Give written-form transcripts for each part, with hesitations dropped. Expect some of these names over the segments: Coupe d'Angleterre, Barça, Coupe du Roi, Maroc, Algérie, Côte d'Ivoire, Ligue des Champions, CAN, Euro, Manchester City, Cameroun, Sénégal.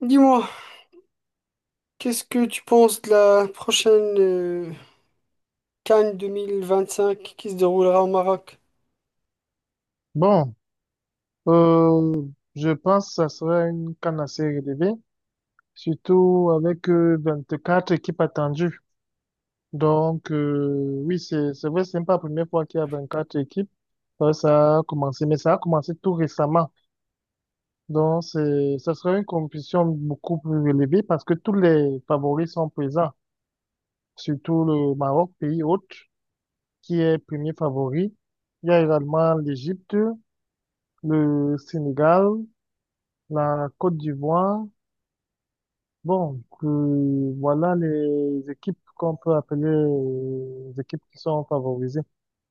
Dis-moi, qu'est-ce que tu penses de la prochaine Cannes 2025 qui se déroulera au Maroc? Bon, euh, je pense que ça sera une canne assez relevée, surtout avec quatre équipes attendues. Donc, oui, c'est vrai, c'est pas la première fois qu'il y a 24 équipes. Ça a commencé, mais ça a commencé tout récemment. Donc, c'est ça sera une compétition beaucoup plus relevée parce que tous les favoris sont présents, surtout le Maroc, pays hôte, qui est premier favori. Il y a également l'Égypte, le Sénégal, la Côte d'Ivoire. Voilà les équipes qu'on peut appeler, les équipes qui sont favorisées,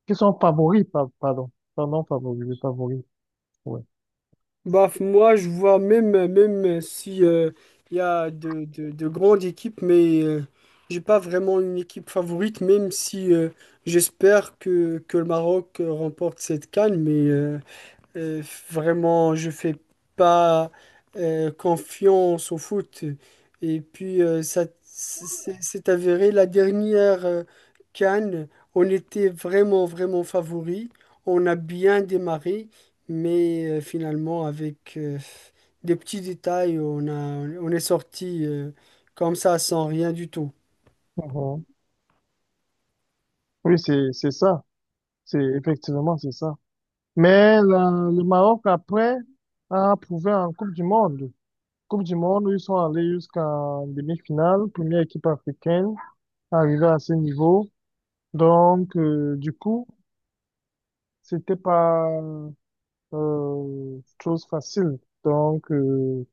qui sont favoris, pardon, favorisées, favoris, ouais. Bah, moi, je vois, même même si il y a de grandes équipes, mais j'ai pas vraiment une équipe favorite, même si j'espère que le Maroc remporte cette CAN, mais Euh, vraiment, je fais pas confiance au foot. Et puis, ça c'est avéré la dernière CAN, on était vraiment, vraiment favoris. On a bien démarré, mais finalement, avec des petits détails, on a, on est sorti comme ça, sans rien du tout. Mhm. Oui, c'est ça, c'est effectivement c'est ça. Mais le Maroc après a prouvé en Coupe du Monde. Coupe du Monde, ils sont allés jusqu'en demi-finale, première équipe africaine arrivée à ce niveau. Donc du coup, c'était pas chose facile. Donc,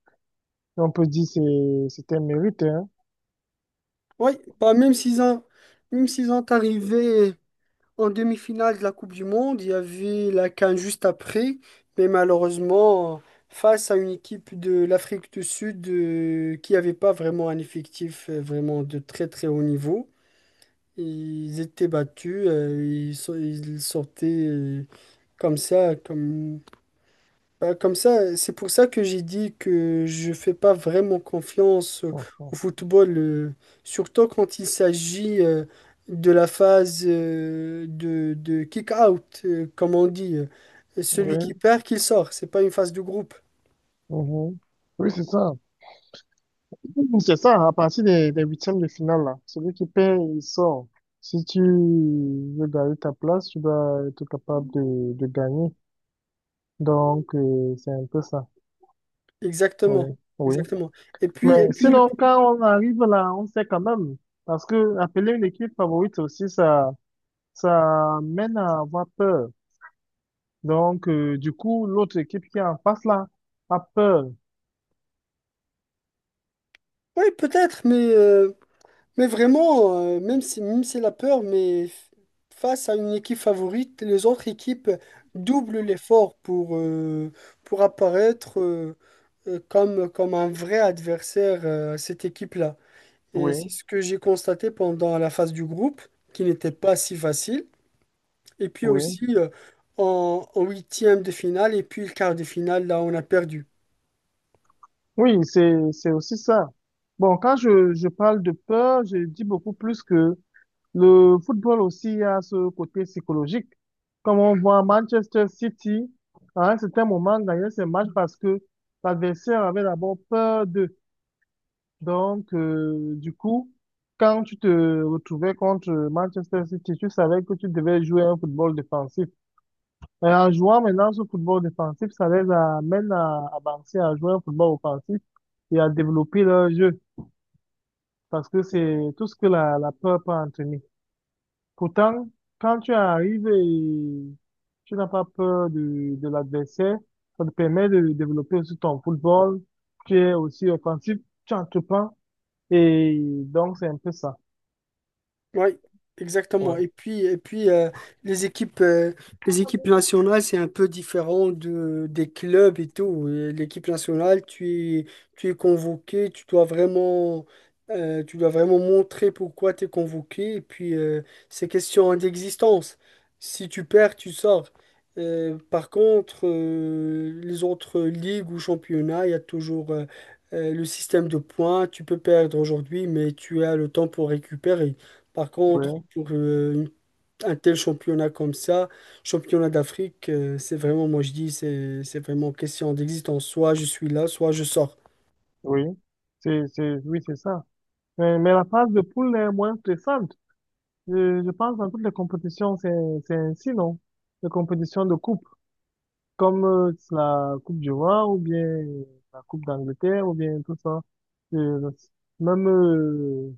on peut dire c'est un mérite, hein. Oui, bah, même s'ils ont arrivé en demi-finale de la Coupe du Monde, il y avait la CAN juste après, mais malheureusement, face à une équipe de l'Afrique du Sud qui n'avait pas vraiment un effectif vraiment de très très haut niveau, ils étaient battus, ils sortaient comme ça, comme ça. C'est pour ça que j'ai dit que je fais pas vraiment confiance au Mhm. football, surtout quand il s'agit de la phase de kick-out, comme on dit. Celui qui Oui, perd, qu'il sort. C'est pas une phase de groupe. mhm. Oui, c'est ça. C'est ça, à partir des huitièmes de finale, là. Celui qui perd, il sort. Si tu veux garder ta place, tu dois être capable de gagner. Donc, c'est un peu ça. Oui, Exactement. oui. Exactement. Et Mais puis, et puis, le- sinon, quand on arrive là, on sait quand même. Parce que appeler une équipe favorite aussi, ça mène à avoir peur. Donc, du coup, l'autre équipe qui est en face là a peur. ouais, peut-être, mais mais vraiment, même si la peur, face à une équipe favorite, les autres équipes doublent l'effort pour apparaître comme un vrai adversaire à cette équipe-là. Et c'est Oui, ce que j'ai constaté pendant la phase du groupe, qui n'était pas si facile. Et puis oui. aussi en huitième de finale et puis le quart de finale, là, on a perdu. Oui, c'est aussi ça. Bon, quand je parle de peur, je dis beaucoup plus que le football aussi a ce côté psychologique. Comme on voit Manchester City, à un certain moment, gagner ces matchs parce que l'adversaire avait d'abord peur d'eux. Donc, du coup, quand tu te retrouvais contre Manchester City, tu savais que tu devais jouer un football défensif. Et en jouant maintenant ce football défensif, ça les amène à avancer, à jouer un football offensif et à développer leur jeu. Parce que c'est tout ce que la peur peut entraîner. Pourtant, quand tu arrives et tu n'as pas peur de l'adversaire, ça te permet de développer aussi ton football. Tu es aussi offensif, tu entreprends. Et donc, c'est un peu ça. Oui, exactement. Ouais, les équipes, euh, les équipes nationales, c'est un peu différent des clubs et tout. Et l'équipe nationale, tu es convoqué, tu dois vraiment montrer pourquoi tu es convoqué. Et puis, c'est question d'existence. Si tu perds, tu sors. Par contre, les autres ligues ou championnats, il y a toujours le système de points. Tu peux perdre aujourd'hui, mais tu as le temps pour récupérer. Par contre, oui, pour un tel championnat comme ça, championnat d'Afrique, c'est vraiment, moi je dis, c'est vraiment question d'existence. Soit je suis là, soit je sors. oui. Oui, c'est ça. Mais la phase de poule est moins stressante. Je pense dans toutes les compétitions, c'est ainsi, non? Les compétitions de coupe, comme la Coupe du Roi ou bien la Coupe d'Angleterre ou bien tout ça. Euh, même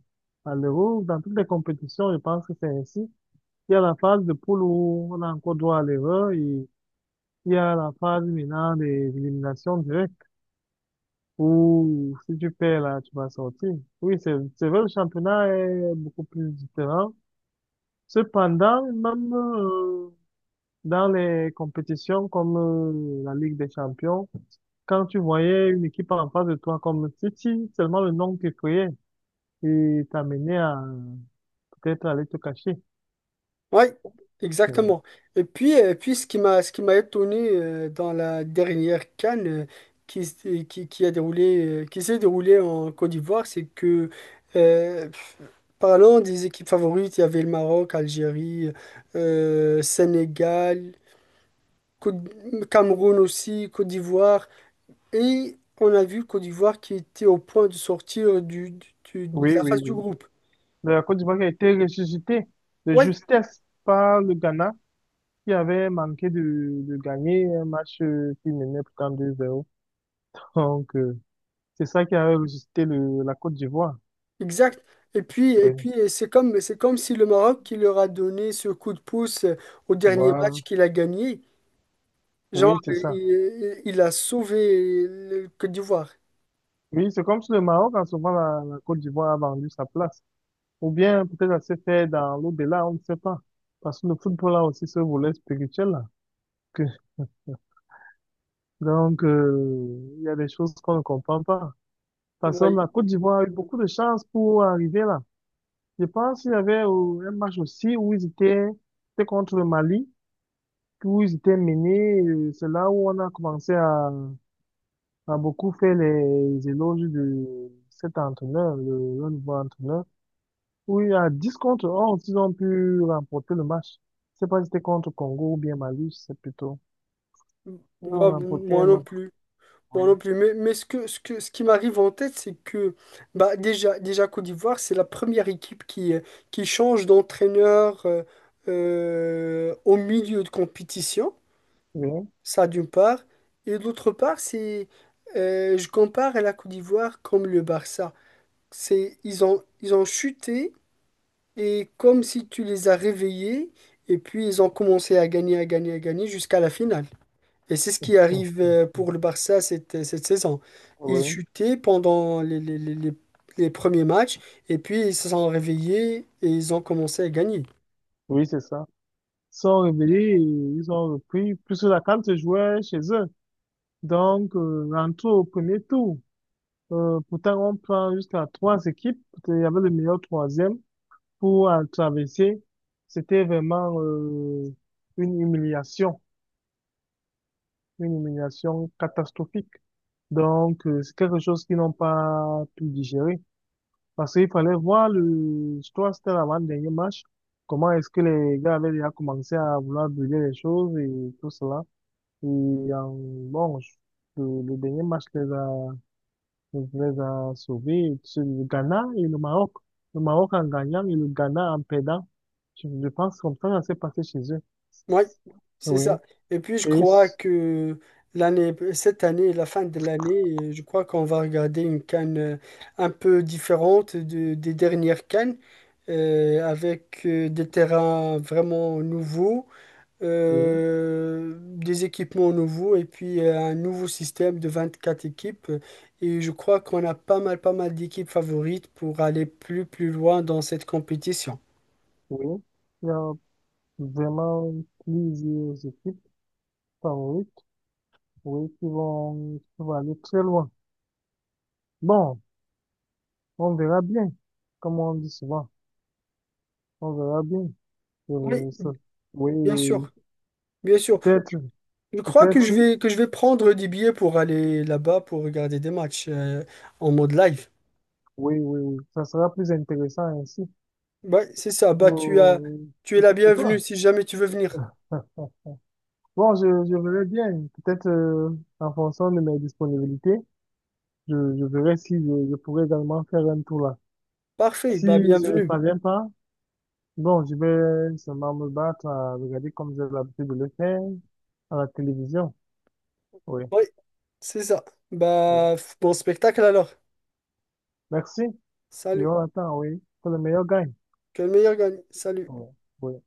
à l'Euro, dans toutes les compétitions, je pense que c'est ainsi. Il y a la phase de poule où on a encore droit à l'erreur et il y a la phase maintenant des éliminations directes où si tu perds là, tu vas sortir. Oui, c'est vrai, le championnat est beaucoup plus différent. Cependant, même dans les compétitions comme la Ligue des Champions, quand tu voyais une équipe en face de toi comme City, seulement le nom qui criait et t'amenait à peut-être aller te cacher. Oui, Oui, exactement. Et puis ce qui m'a Ce qui m'a étonné dans la dernière CAN qui, s- qui qui s'est déroulée en Côte d'Ivoire, c'est que, euh, parlant des équipes favorites, il y avait le Maroc, Algérie, Sénégal, Cameroun aussi, Côte d'Ivoire. Et on a vu Côte d'Ivoire qui était au point de sortir de oui, la oui, phase du oui. groupe. La Côte d'Ivoire qui a été ressuscitée de Oui, justesse par le Ghana qui avait manqué de gagner un match, qui menait pourtant 2-0. Donc, c'est ça qui avait ressuscité la Côte d'Ivoire. exact. Oui, C'est comme si le Maroc qui leur a donné ce coup de pouce au dernier voilà. match qu'il a gagné. Genre, Oui, c'est ça. Il a sauvé le Côte d'Ivoire. Oui, c'est comme si le Maroc, en ce moment, la Côte d'Ivoire a vendu sa place. Ou bien peut-être ça se fait dans l'au-delà, on ne sait pas. Parce que le football a aussi ce volet spirituel là. Que- donc, il y a des choses qu'on ne comprend pas. Parce que Oui, la Côte d'Ivoire a eu beaucoup de chance pour arriver là. Je pense qu'il y avait, un match aussi où ils étaient, c'était contre le Mali, où ils étaient menés. C'est là où on a commencé à beaucoup faire les éloges de cet entraîneur, le nouveau entraîneur. Oui, à dix contre 11, ils ont pu remporter le match. Je sais pas si c'était contre Congo ou bien Mali, c'est plutôt. Ils ont moi, remporté moi un non match. plus. Moi non plus, mais, ce qui m'arrive en tête, c'est que bah, déjà, déjà Côte d'Ivoire, c'est la première équipe qui change d'entraîneur au milieu de compétition, Oui, ça d'une part, et d'autre part, c'est je compare à la Côte d'Ivoire comme le Barça. Ils ont chuté et comme si tu les as réveillés, et puis ils ont commencé à gagner, à gagner, à gagner jusqu'à la finale. Et c'est ce qui arrive pour le Barça cette saison. Ils oui, chutaient pendant les premiers matchs et puis ils se sont réveillés et ils ont commencé à gagner. oui, c'est ça. Ils sont réveillés et ils ont repris, puisque la CAN se jouait chez eux. Donc, rentrons au premier tour. Pourtant, on prend jusqu'à trois équipes. Il y avait le meilleur troisième pour traverser. C'était vraiment une humiliation, une humiliation catastrophique. Donc, c'est quelque chose qu'ils n'ont pas pu digérer. Parce qu'il fallait voir le, je crois que c'était l'avant-dernier match, comment est-ce que les gars avaient déjà commencé à vouloir brûler les choses et tout cela. Et bon, le dernier match les a sauvés, c'est le Ghana et le Maroc. Le Maroc en gagnant et le Ghana en perdant. Je pense comme ça s'est passé chez eux. Oui, c'est Oui, ça. Et puis je et, crois c- que cette année, la fin de l'année, je crois qu'on va regarder une CAN un peu différente des dernières CAN avec des terrains vraiment nouveaux oui, des équipements nouveaux et puis un nouveau système de 24 équipes. Et je crois qu'on a pas mal, pas mal d'équipes favorites pour aller plus, plus loin dans cette compétition. oui. Il y a vraiment plusieurs équipes. Favorite, oui, oui, qui vont aller très loin. Bon, on verra bien, comme on dit souvent, on verra bien. Oui, Euh, ça- oui, bien sûr, bien sûr. peut-être, Je crois peut-être, que je vais prendre des billets pour aller là-bas pour regarder des matchs en mode live. oui, oui, oui, ça sera plus intéressant ainsi Ouais, c'est ça. Bah, pour, tu es la pour bienvenue toi. si jamais tu veux venir. Bon, je verrai bien, peut-être en fonction de mes disponibilités, je verrai si je pourrai également faire un tour là. Parfait, Si bah je ne bienvenue. parviens pas, bon, je vais seulement me battre à regarder comme j'ai l'habitude de le faire à la télévision. Oui, Oui, c'est ça. oui. Bah, bon spectacle alors. Merci. Et Salut. on attend, oui, que le meilleur gagne. Que le meilleur gagne. Salut. Oui, oui.